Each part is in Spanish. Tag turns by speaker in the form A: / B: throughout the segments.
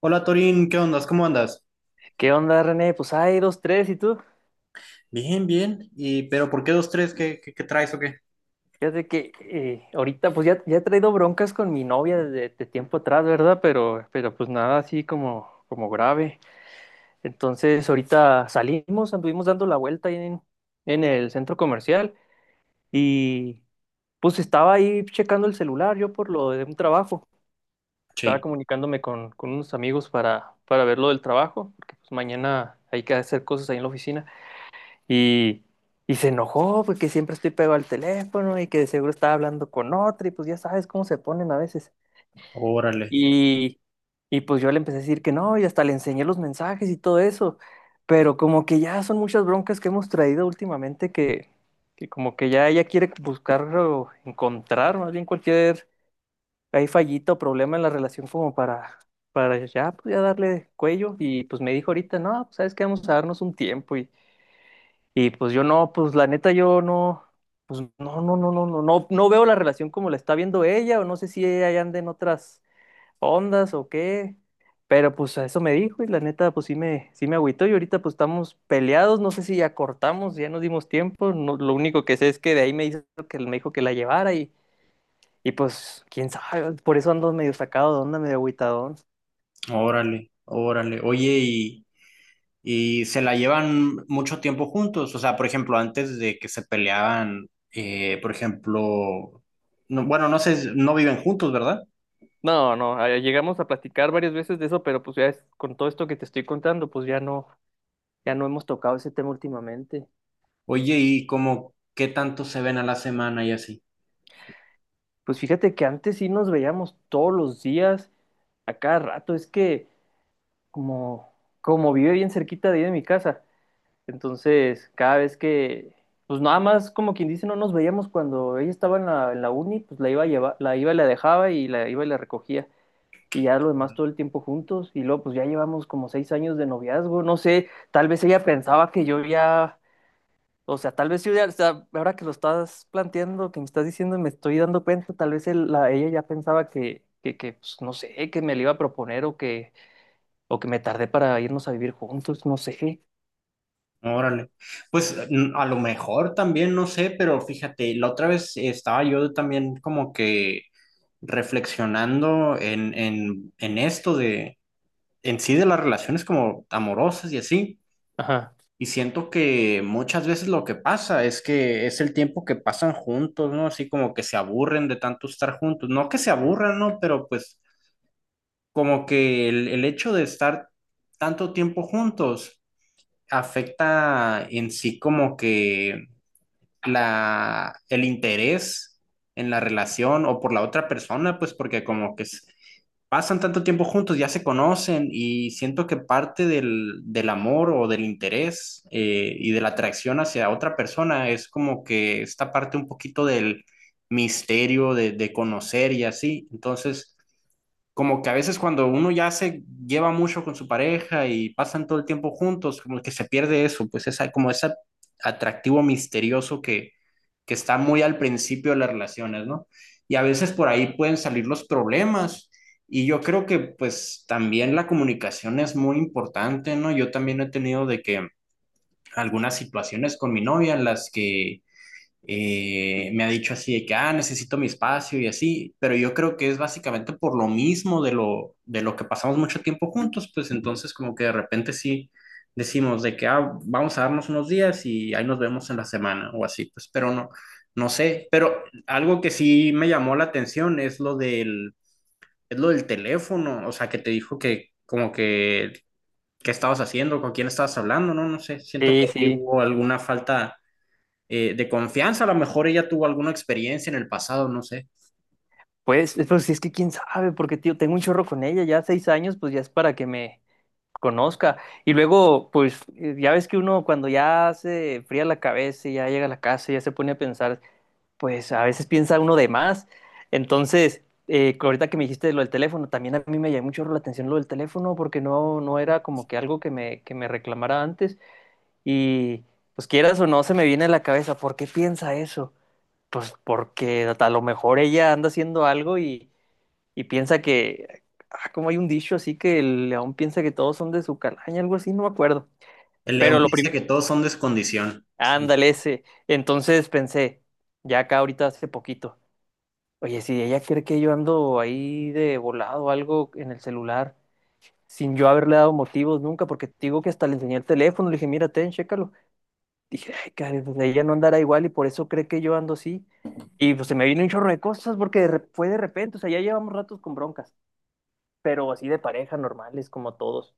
A: Hola Torín, ¿qué ondas? ¿Cómo andas?
B: ¿Qué onda, René? Pues hay dos, tres, ¿y tú?
A: Bien, bien. ¿Y pero por qué dos, tres? ¿Qué traes o qué?
B: Fíjate que ahorita pues ya, ya he traído broncas con mi novia desde de tiempo atrás, ¿verdad? Pero pues nada así como grave. Entonces ahorita salimos, anduvimos dando la vuelta ahí en el centro comercial y pues estaba ahí checando el celular yo por lo de un trabajo. Estaba
A: Sí,
B: comunicándome con unos amigos para ver lo del trabajo, porque pues mañana hay que hacer cosas ahí en la oficina. Y, y se enojó porque siempre estoy pegado al teléfono y que de seguro estaba hablando con otra y pues ya sabes cómo se ponen a veces.
A: órale,
B: Y, y pues yo le empecé a decir que no y hasta le enseñé los mensajes y todo eso. Pero como que ya son muchas broncas que hemos traído últimamente que como que ya ella quiere buscar o encontrar más bien cualquier hay fallito o problema en la relación como para ya, pues ya darle cuello. Y pues me dijo ahorita, no, pues sabes que vamos a darnos un tiempo y pues yo no, pues la neta yo no, pues no, no, no, no, no, no, no veo la relación como la está viendo ella, o no sé si ella ya anda en otras ondas o qué, pero pues a eso me dijo y la neta pues sí me agüitó y ahorita pues estamos peleados, no sé si ya cortamos, ya nos dimos tiempo, lo único que sé es que de ahí me hizo que me dijo que la llevara y pues quién sabe, por eso ando medio sacado de onda, medio agüitadón.
A: órale, órale. Oye, y se la llevan mucho tiempo juntos. O sea, por ejemplo, antes de que se peleaban, por ejemplo, bueno, no sé, no viven juntos, ¿verdad?
B: No, no, llegamos a platicar varias veces de eso, pero pues con todo esto que te estoy contando, pues ya no. Ya no hemos tocado ese tema últimamente.
A: Oye, y como qué tanto se ven a la semana y así.
B: Pues fíjate que antes sí nos veíamos todos los días, a cada rato. Es que como, como vive bien cerquita de ahí de mi casa, entonces cada vez que, pues nada más como quien dice, no nos veíamos cuando ella estaba en la uni, pues la iba a llevar, la iba y la dejaba y la iba y la recogía. Y ya lo demás todo el tiempo juntos. Y luego pues ya llevamos como 6 años de noviazgo. No sé, tal vez ella pensaba que yo ya. O sea, tal vez yo ya, o sea, ahora que lo estás planteando, que me estás diciendo, me estoy dando cuenta, tal vez ella ya pensaba que, pues, no sé, que me lo iba a proponer o que me tardé para irnos a vivir juntos, no sé.
A: Órale. Pues a lo mejor también, no sé, pero fíjate, la otra vez estaba yo también como que reflexionando en esto de, en sí de las relaciones como amorosas y así.
B: Ajá.
A: Y siento que muchas veces lo que pasa es que es el tiempo que pasan juntos, ¿no? Así como que se aburren de tanto estar juntos. No que se aburran, ¿no? Pero pues como que el hecho de estar tanto tiempo juntos afecta en sí como que la, el interés en la relación o por la otra persona, pues porque como que es, pasan tanto tiempo juntos, ya se conocen y siento que parte del amor o del interés y de la atracción hacia otra persona es como que esta parte un poquito del misterio de conocer y así. Entonces, como que a veces cuando uno ya se lleva mucho con su pareja y pasan todo el tiempo juntos, como que se pierde eso, pues esa, como ese atractivo misterioso que está muy al principio de las relaciones, ¿no? Y a veces por ahí pueden salir los problemas. Y yo creo que pues también la comunicación es muy importante, ¿no? Yo también he tenido de que algunas situaciones con mi novia en las que me ha dicho así de que, ah, necesito mi espacio y así, pero yo creo que es básicamente por lo mismo de de lo que pasamos mucho tiempo juntos, pues entonces como que de repente sí decimos de que, ah, vamos a darnos unos días y ahí nos vemos en la semana o así, pues, pero no, no sé, pero algo que sí me llamó la atención es lo es lo del teléfono, o sea, que te dijo que como que, ¿qué estabas haciendo? ¿Con quién estabas hablando? No, no sé, siento que
B: Sí,
A: ahí
B: sí.
A: hubo alguna falta de confianza. A lo mejor ella tuvo alguna experiencia en el pasado, no sé.
B: Pues, pues si es que quién sabe, porque tío, tengo un chorro con ella, ya 6 años, pues ya es para que me conozca. Y luego, pues, ya ves que uno cuando ya se fría la cabeza y ya llega a la casa ya se pone a pensar. Pues a veces piensa uno de más. Entonces, ahorita que me dijiste lo del teléfono, también a mí me llamó mucho la atención lo del teléfono porque no, no era como que algo que me reclamara antes y pues quieras o no se me viene a la cabeza, ¿por qué piensa eso? Pues porque a lo mejor ella anda haciendo algo y piensa que, ah, como hay un dicho así que el león piensa que todos son de su calaña, algo así, no me acuerdo.
A: El
B: Pero
A: León
B: lo
A: dice
B: primero,
A: que todos son descondición. Sí.
B: ándale ese. Entonces pensé, ya acá ahorita hace poquito. Oye, si ella cree que yo ando ahí de volado o algo en el celular, sin yo haberle dado motivos nunca, porque te digo que hasta le enseñé el teléfono, le dije, mira, ten, chécalo. Dije, ay, caray, pues ella no andará igual y por eso cree que yo ando así. Y pues se me vino un chorro de cosas porque fue de repente, o sea, ya llevamos ratos con broncas, pero así de pareja, normales, como todos.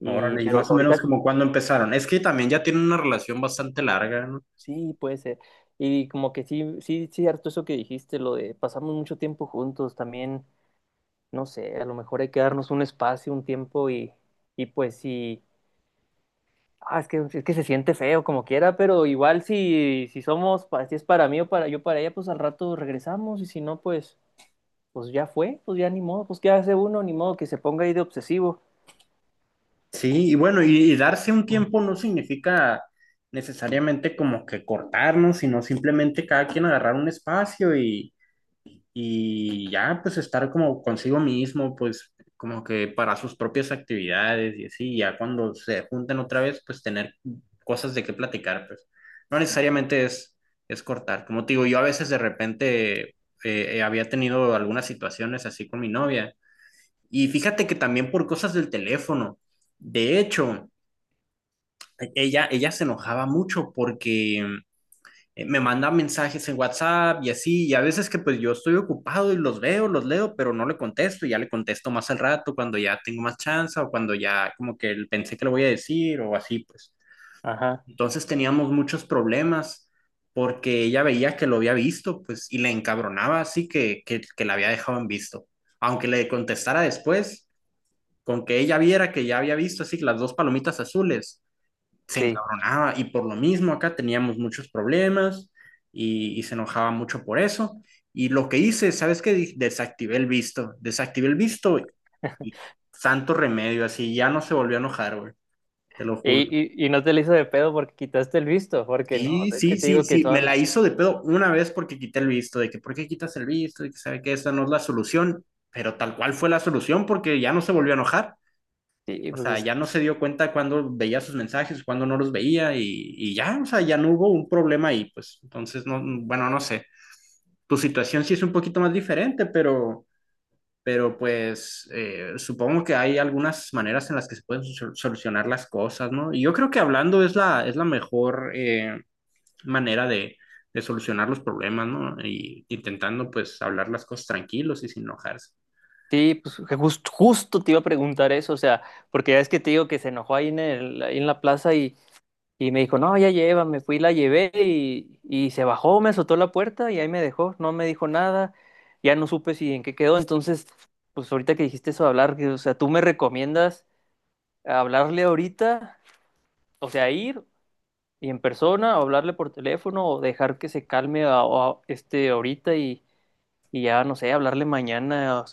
B: Y,
A: Órale, y
B: pero
A: más o menos
B: ahorita
A: como cuando empezaron. Es que también ya tienen una relación bastante larga, ¿no?
B: sí puede ser. Y como que sí, sí, cierto eso que dijiste, lo de pasamos mucho tiempo juntos también no sé, a lo mejor hay que darnos un espacio, un tiempo y pues si, ah, es que se siente feo como quiera, pero igual si, si somos, si es para mí o para yo para ella, pues al rato regresamos y si no, pues, pues ya fue, pues ya ni modo, pues qué hace uno, ni modo que se ponga ahí de obsesivo.
A: Sí, y bueno, y darse un tiempo no significa necesariamente como que cortarnos, sino simplemente cada quien agarrar un espacio y ya pues estar como consigo mismo, pues como que para sus propias actividades y así, ya cuando se juntan otra vez, pues tener cosas de qué platicar, pues no necesariamente es cortar. Como te digo, yo a veces de repente había tenido algunas situaciones así con mi novia y fíjate que también por cosas del teléfono, de hecho, ella se enojaba mucho porque me mandan mensajes en WhatsApp y así, y a veces que pues yo estoy ocupado y los veo, los leo, pero no le contesto, y ya le contesto más al rato cuando ya tengo más chance o cuando ya como que pensé que le voy a decir o así, pues.
B: Ajá,
A: Entonces teníamos muchos problemas porque ella veía que lo había visto, pues, y le encabronaba así que la había dejado en visto. Aunque le contestara después, con que ella viera que ya había visto así las dos palomitas azules, se
B: sí.
A: encabronaba y por lo mismo acá teníamos muchos problemas y se enojaba mucho por eso. Y lo que hice, ¿sabes qué? Desactivé el visto y santo remedio, así ya no se volvió a enojar, güey, te lo juro.
B: Y, y no te le hizo de pedo porque quitaste el visto, porque no,
A: Sí,
B: es que
A: sí,
B: te
A: sí,
B: digo que
A: sí, me la
B: son,
A: hizo de pedo una vez porque quité el visto, de que ¿por qué quitas el visto? De que sabe que esa no es la solución, pero tal cual fue la solución porque ya no se volvió a enojar.
B: sí,
A: O
B: pues
A: sea,
B: es
A: ya
B: que-
A: no se dio cuenta cuando veía sus mensajes, cuando no los veía y ya, o sea, ya no hubo un problema ahí, pues. Entonces, no, bueno, no sé. Tu situación sí es un poquito más diferente, pero pues supongo que hay algunas maneras en las que se pueden solucionar las cosas, ¿no? Y yo creo que hablando es es la mejor manera de solucionar los problemas, ¿no? Y intentando pues hablar las cosas tranquilos y sin enojarse.
B: sí, pues justo te iba a preguntar eso, o sea, porque ya es que te digo que se enojó ahí en el, ahí en la plaza. Y me dijo, no, ya lleva, me fui, la llevé y se bajó, me azotó la puerta y ahí me dejó, no me dijo nada, ya no supe si en qué quedó. Entonces, pues ahorita que dijiste eso de hablar, que, o sea, ¿tú me recomiendas hablarle ahorita? O sea, ir y en persona, o hablarle por teléfono, o dejar que se calme este ahorita y ya, no sé, hablarle mañana.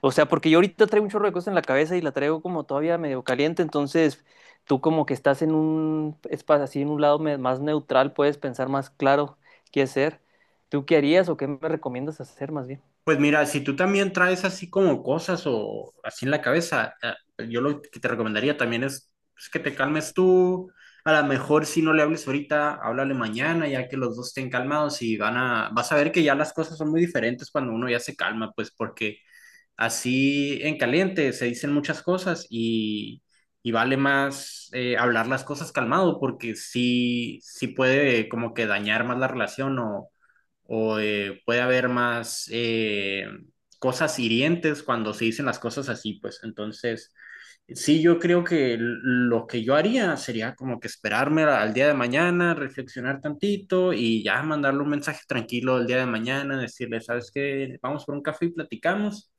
B: O sea, porque yo ahorita traigo un chorro de cosas en la cabeza y la traigo como todavía medio caliente, entonces tú como que estás en un espacio así, en un lado más neutral, puedes pensar más claro qué hacer. ¿Tú qué harías o qué me recomiendas hacer más bien?
A: Pues mira, si tú también traes así como cosas o así en la cabeza, yo lo que te recomendaría también es pues, que te calmes tú. A lo mejor si no le hables ahorita, háblale mañana, ya que los dos estén calmados y van a, vas a ver que ya las cosas son muy diferentes cuando uno ya se calma, pues porque así en caliente, se dicen muchas cosas y vale más hablar las cosas calmado porque sí, sí puede como que dañar más la relación o puede haber más cosas hirientes cuando se dicen las cosas así, pues entonces sí yo creo que lo que yo haría sería como que esperarme al día de mañana, reflexionar tantito y ya mandarle un mensaje tranquilo el día de mañana, decirle, ¿sabes qué? Vamos por un café y platicamos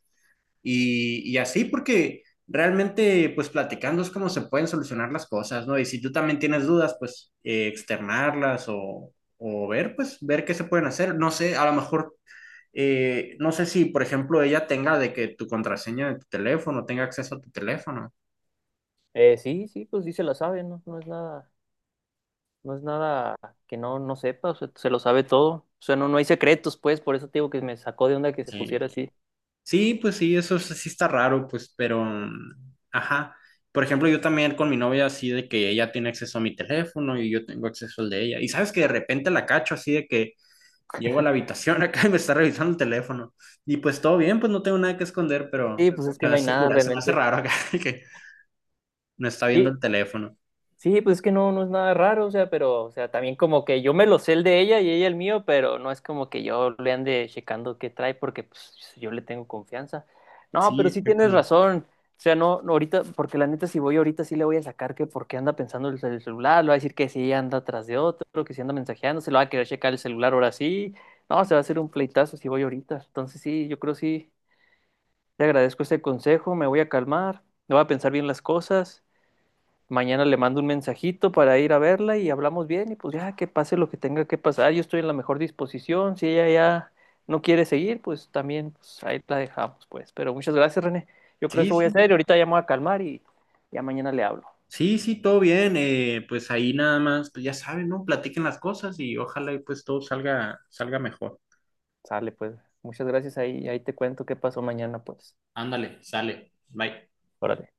A: y así, porque realmente, pues platicando es como se pueden solucionar las cosas, ¿no? Y si tú también tienes dudas, pues externarlas o ver, pues ver qué se pueden hacer. No sé, a lo mejor, no sé si, por ejemplo, ella tenga de que tu contraseña de tu teléfono tenga acceso a tu teléfono.
B: Sí, sí, pues sí se la sabe, no, no es nada, no es nada que no, no sepa, o sea, se lo sabe todo. O sea, no, no hay secretos, pues, por eso te digo que me sacó de onda que se pusiera
A: Sí,
B: así.
A: sí pues sí, eso sí sí está raro, pues, pero, mm, ajá. Por ejemplo, yo también con mi novia así de que ella tiene acceso a mi teléfono y yo tengo acceso al de ella. Y sabes que de repente la cacho así de que llego a la habitación acá y me está revisando el teléfono. Y pues todo bien, pues no tengo nada que esconder, pero
B: Sí, pues es
A: se
B: que
A: me
B: no hay
A: hace,
B: nada
A: se me hace
B: realmente.
A: raro acá que no está viendo
B: Y
A: el teléfono.
B: sí, pues es que no, no es nada raro, o sea, pero, o sea, también como que yo me lo sé el de ella y ella el mío, pero no es como que yo le ande checando qué trae porque pues yo le tengo confianza. No, pero
A: Sí,
B: sí
A: fue
B: tienes razón. O sea, no, no ahorita, porque la neta, si voy ahorita sí le voy a sacar que porque anda pensando el celular, le va a decir que sí anda atrás de otro, que sí anda mensajeando, se lo va a querer checar el celular ahora sí. No, se va a hacer un pleitazo si voy ahorita. Entonces sí, yo creo sí, te agradezco ese consejo, me voy a calmar, me voy a pensar bien las cosas. Mañana le mando un mensajito para ir a verla y hablamos bien y pues ya que pase lo que tenga que pasar, yo estoy en la mejor disposición, si ella ya no quiere seguir, pues también pues, ahí la dejamos, pues. Pero muchas gracias, René. Yo creo que
A: sí,
B: eso voy a
A: sí,
B: hacer y ahorita ya me voy a calmar y ya mañana le hablo.
A: sí, sí, todo bien. Pues ahí nada más, pues ya saben, ¿no? Platiquen las cosas y ojalá y pues todo salga, salga mejor.
B: Sale, pues. Muchas gracias ahí, ahí te cuento qué pasó mañana, pues.
A: Ándale, sale. Bye.
B: Órale.